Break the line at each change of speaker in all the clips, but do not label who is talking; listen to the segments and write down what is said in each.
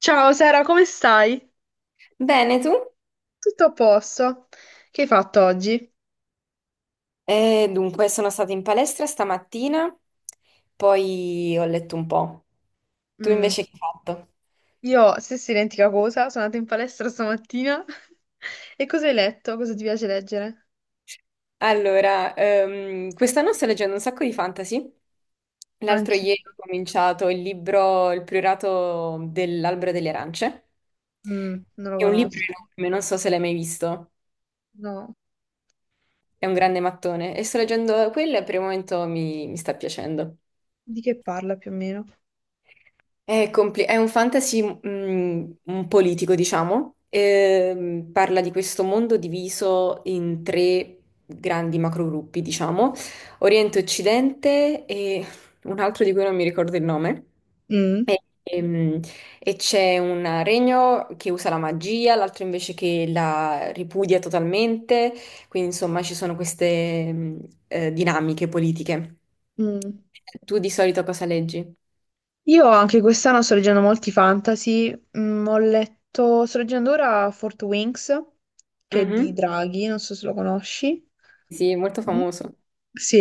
Ciao Sara, come stai?
Bene, tu?
Tutto a posto? Che hai fatto oggi?
Sono stata in palestra stamattina, poi ho letto un po'. Tu
Mm,
invece che hai fatto?
Io stessa identica cosa, sono andata in palestra stamattina. E cosa hai letto? Cosa ti piace leggere?
Allora, quest'anno sto leggendo un sacco di fantasy. L'altro
Anche.
ieri ho cominciato il libro Il priorato dell'albero delle arance.
Non lo
È un libro
conosco.
enorme, non so se l'hai mai visto.
No,
È un grande mattone e sto leggendo quello e per il momento mi sta piacendo.
Di che parla più o meno?
È un fantasy un politico, diciamo. Parla di questo mondo diviso in tre grandi macrogruppi, diciamo, Oriente, Occidente e un altro di cui non mi ricordo il nome.
Mm.
E, ehm, e c'è un regno che usa la magia, l'altro invece che la ripudia totalmente, quindi insomma ci sono queste dinamiche politiche.
Mm.
Tu di solito cosa leggi?
Io anche quest'anno sto leggendo molti fantasy, sto leggendo ora Fort Wings, che è di
Mhm.
Draghi, non so se lo conosci.
Sì, molto
Mm.
famoso.
Sì,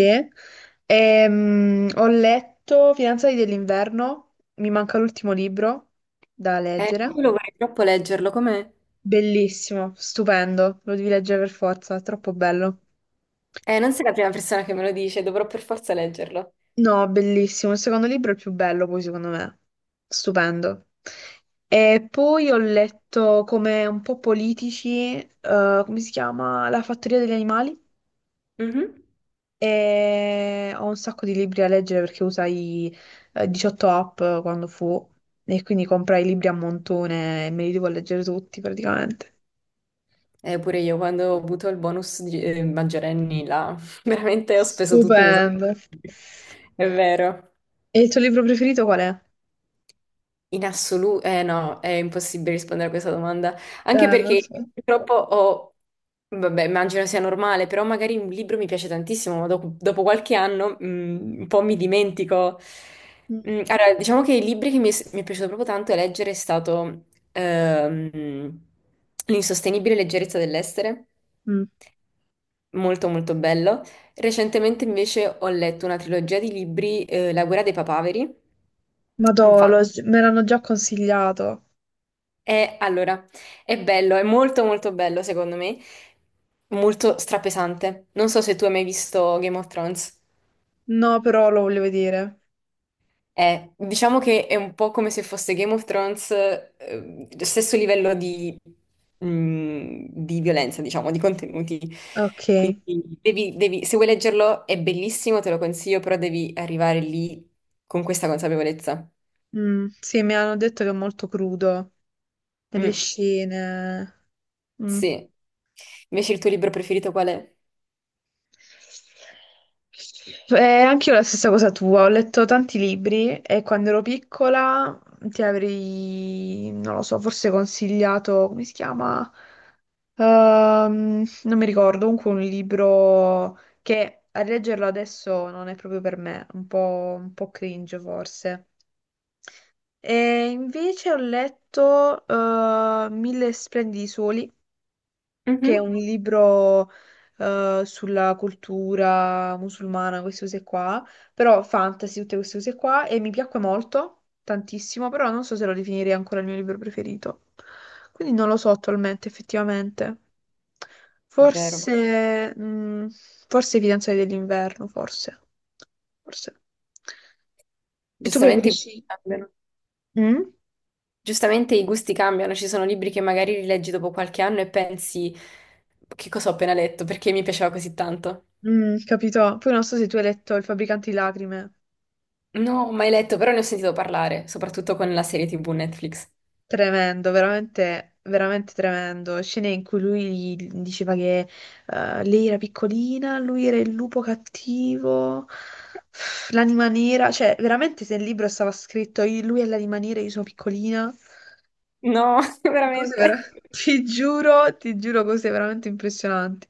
Ho letto Fidanzati dell'inverno, mi manca l'ultimo libro da leggere.
Quello vorrei troppo leggerlo, com'è?
Bellissimo, stupendo, lo devi leggere per forza, è troppo bello.
Non sei la prima persona che me lo dice, dovrò per forza leggerlo.
No, bellissimo. Il secondo libro è il più bello, poi secondo me. Stupendo. E poi ho letto come un po' politici, come si chiama? La fattoria degli animali.
Mhm.
E ho un sacco di libri da leggere perché usai 18 app quando fu e quindi comprai i libri a montone e me li devo leggere tutti praticamente.
Pure io, quando ho avuto il bonus di maggiorenni, là, veramente ho speso tutti i miei
Stupendo.
soldi. È vero.
E il tuo libro preferito qual è?
In assoluto, eh no, è impossibile rispondere a questa domanda, anche perché
Lo
io
so.
purtroppo ho, vabbè, immagino sia normale, però magari un libro mi piace tantissimo, ma dopo qualche anno un po' mi dimentico.
Mm.
Allora, diciamo che i libri che mi è piaciuto proprio tanto leggere è stato ehm, L'insostenibile leggerezza dell'essere,
Mm.
molto molto bello. Recentemente invece ho letto una trilogia di libri, La guerra dei papaveri, un
Madò,
fan
me l'hanno già consigliato.
E allora, è bello, è molto molto bello secondo me, molto strapesante. Non so se tu hai mai visto Game of Thrones.
No, però lo voglio vedere.
Diciamo che è un po' come se fosse Game of Thrones, lo stesso livello di, di violenza, diciamo, di contenuti.
Ok.
Quindi se vuoi leggerlo è bellissimo, te lo consiglio, però devi arrivare lì con questa consapevolezza.
Mm, sì, mi hanno detto che è molto crudo nelle
Mm,
scene. Mm.
sì. Invece il tuo libro preferito qual è?
Anche io la stessa cosa tua, ho letto tanti libri e quando ero piccola ti avrei, non lo so, forse consigliato, come si chiama? Non mi ricordo, comunque un libro che a leggerlo adesso non è proprio per me, un po' cringe forse. E invece ho letto Mille splendidi soli, che è
Mhm.
un libro sulla cultura musulmana, queste cose qua, però fantasy, tutte queste cose qua, e mi piacque molto, tantissimo, però non so se lo definirei ancora il mio libro preferito. Quindi non lo so attualmente, effettivamente.
Vero.
Forse, forse I fidanzati dell'inverno, forse. Forse. E tu
Giustamente i gusti
preferisci?
cambiano.
Mm?
Giustamente i gusti cambiano, ci sono libri che magari rileggi dopo qualche anno e pensi che cosa ho appena letto, perché mi piaceva così tanto.
Mm, capito? Poi non so se tu hai letto Il fabbricante di lacrime.
No, ho mai letto, però ne ho sentito parlare, soprattutto con la serie TV Netflix.
Tremendo, veramente, veramente tremendo. Scene in cui lui gli diceva che lei era piccolina, lui era il lupo cattivo, l'anima nera. Cioè, veramente se il libro stava scritto lui è l'anima nera, io sono piccolina.
No,
Cose vera-
veramente.
Ti giuro, cose veramente impressionanti.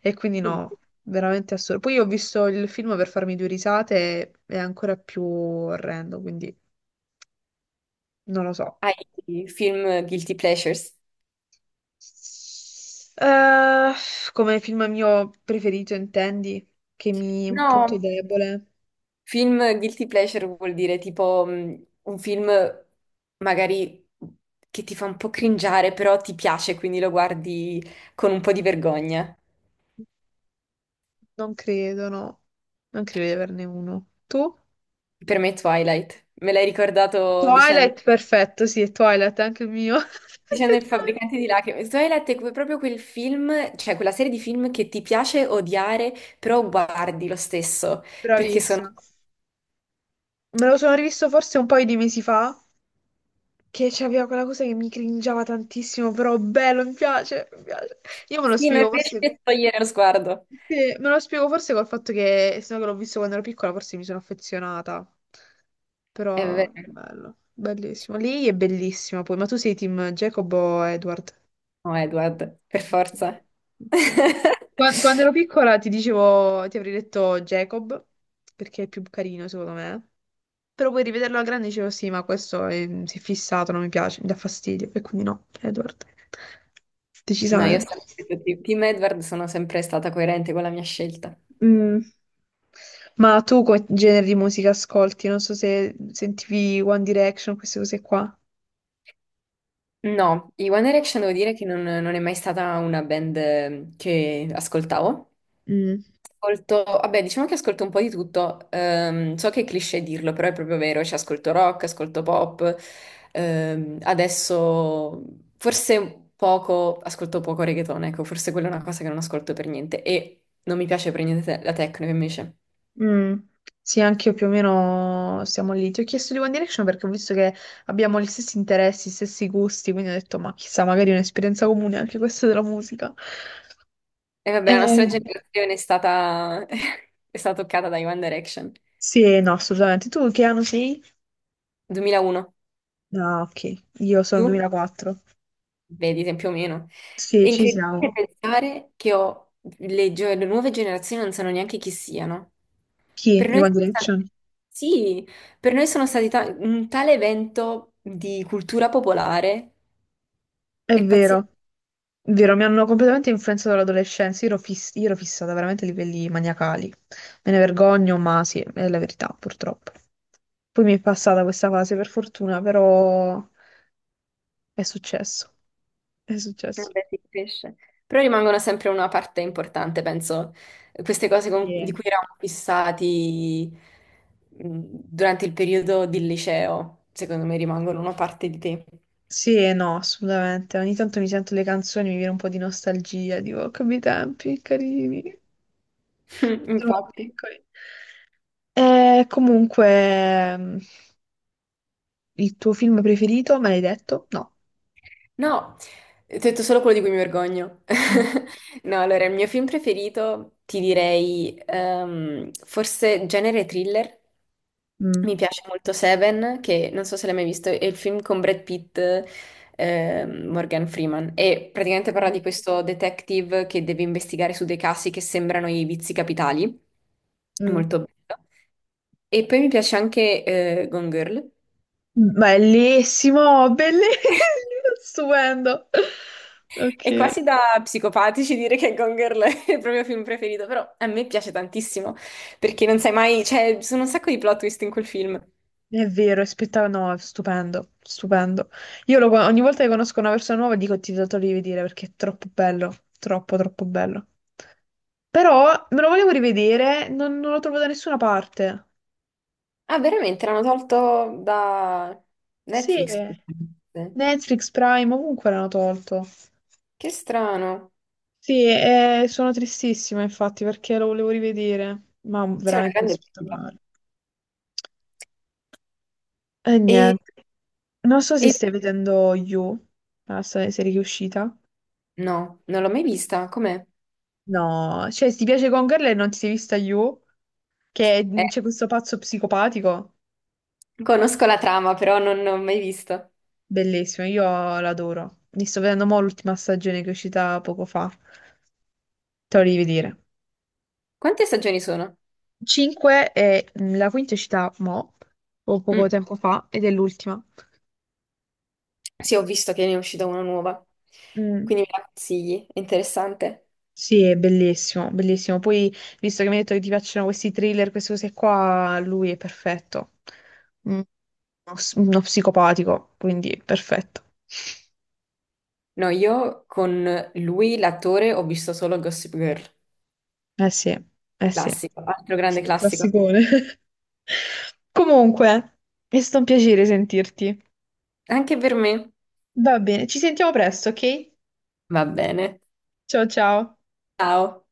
E quindi
Quindi,
no, veramente assurdo. Poi ho visto il film per farmi due risate, è ancora più orrendo, quindi non lo so.
hai film guilty pleasures?
Eh, come film mio preferito, intendi? Che mi un punto
No,
debole?
film guilty pleasure vuol dire tipo un film magari che ti fa un po' cringiare, però ti piace, quindi lo guardi con un po' di vergogna.
Non credo, no. Non credo di averne uno. Tu?
Per me Twilight, me l'hai ricordato dicendo,
Twilight, perfetto, sì, è Twilight, è anche il mio.
dicendo il
Effettivamente.
fabbricante di lacrime. Proprio quel film, cioè quella serie di film che ti piace odiare, però guardi lo stesso, perché sono...
Bravissima. Me lo sono rivisto forse un paio di mesi fa, che c'aveva quella cosa che mi cringiava tantissimo, però bello, mi piace, mi piace. Io me lo
Sì, non
spiego,
riesci
forse...
a togliere lo sguardo.
Sì, me lo spiego forse col fatto che, essendo che l'ho visto quando ero piccola, forse mi sono affezionata.
È
Però,
vero.
bello, bellissimo. Lei è bellissima poi, ma tu sei team Jacob o Edward?
No, Edward, per forza.
Ok. Quando, ero piccola ti dicevo, ti avrei detto Jacob, perché è più carino secondo me. Però poi rivederlo alla grande dicevo sì, ma questo si è fissato, non mi piace, mi dà fastidio. E quindi no, Edward.
No, io ho
Decisamente.
sempre detto Team Edward, sono sempre stata coerente con la mia scelta.
Mm. Ma tu quale genere di musica ascolti? Non so se sentivi One Direction, queste cose qua.
No, i One Direction devo dire che non è mai stata una band che ascoltavo.
Mm.
Ascolto, vabbè, diciamo che ascolto un po' di tutto. So che è cliché dirlo, però è proprio vero. Cioè, ascolto rock, ascolto pop. Adesso forse poco, ascolto poco reggaeton, ecco, forse quella è una cosa che non ascolto per niente. E non mi piace per niente la techno invece.
Mm. Sì, anche io più o meno siamo lì. Ti ho chiesto di One Direction perché ho visto che abbiamo gli stessi interessi, gli stessi gusti, quindi ho detto, ma chissà, magari è un'esperienza comune anche questa della musica.
E vabbè, la
Eh,
nostra generazione è stata, è stata toccata da One Direction.
sì, no, assolutamente. Tu che anno sei?
2001.
No, ok, io sono
Tu?
2004.
Vedi, più o meno.
Sì,
È
ci
incredibile
siamo.
pensare che le nuove generazioni non sanno neanche chi siano.
Chi?
Per
Di
noi
One
sono stati-
Direction?
Sì, per noi sono stati un tale evento di cultura popolare,
È
è pazzesco,
vero. Vero, mi hanno completamente influenzato l'adolescenza. Io ero fissata veramente a livelli maniacali. Me ne vergogno, ma sì, è la verità, purtroppo. Poi mi è passata questa fase, per fortuna, però è successo. È successo.
vabbè, si cresce. Però rimangono sempre una parte importante, penso, queste cose di
Sì.
cui eravamo fissati mh, durante il periodo del liceo, secondo me rimangono una parte di te.
Sì e no, assolutamente. Ogni tanto mi sento le canzoni, mi viene un po' di nostalgia, dico, "Oh, che bei tempi, carini, eravamo
Infatti.
piccoli." E comunque, il tuo film preferito, me l'hai detto? No.
No, ti ho detto solo quello di cui mi vergogno.
Mm.
No, allora, il mio film preferito ti direi forse genere thriller.
Mm.
Mi piace molto Seven, che non so se l'hai mai visto, è il film con Brad Pitt, Morgan Freeman. E praticamente parla
Mm.
di questo detective che deve investigare su dei casi che sembrano i vizi capitali. È
Mm.
molto bello. E poi mi piace anche Gone Girl.
Bellissimo, bellissimo, stupendo.
È
Ok.
quasi da psicopatici dire che Gone Girl è il proprio film preferito, però a me piace tantissimo, perché non sai mai, cioè, ci sono un sacco di plot twist in quel film.
È vero, è spettacolo, no, è stupendo, stupendo. Ogni volta che conosco una persona nuova dico ti do da rivedere perché è troppo bello, troppo, troppo bello. Però me lo volevo rivedere, non lo trovo da nessuna parte.
Ah, veramente l'hanno tolto da
Sì,
Netflix.
Netflix, Prime, ovunque l'hanno tolto.
Che strano.
Sì, sono tristissima infatti perché lo volevo rivedere, ma
Sì, è una
veramente
grande perdita.
spettacolare. E
E,
niente. Non so se
e-
stai vedendo You, la serie che è uscita.
no, non l'ho mai vista. Com'è?
No, cioè, se ti piace Gone Girl e non ti sei vista You, che
Eh,
c'è questo pazzo psicopatico,
conosco la trama, però non l'ho mai vista.
bellissimo, io l'adoro. Mi sto vedendo mo' l'ultima stagione che è uscita poco fa. Te lo devi vedere.
Quante stagioni sono?
5 e la quinta è uscita mo', o poco
Mm,
tempo fa, ed è l'ultima.
sì, ho visto che ne è uscita una nuova.
Mm.
Quindi me la consigli. È interessante.
Sì, è bellissimo, bellissimo. Poi, visto che mi hai detto che ti piacciono questi thriller, queste cose qua, lui è perfetto. Uno psicopatico, quindi perfetto.
No, io con lui, l'attore, ho visto solo Gossip Girl,
Eh sì, eh sì,
classico, altro grande
sì.
classico.
Classicone. Comunque, è stato un piacere sentirti.
Anche per me.
Va bene, ci sentiamo presto, ok?
Va bene.
Ciao ciao.
Ciao.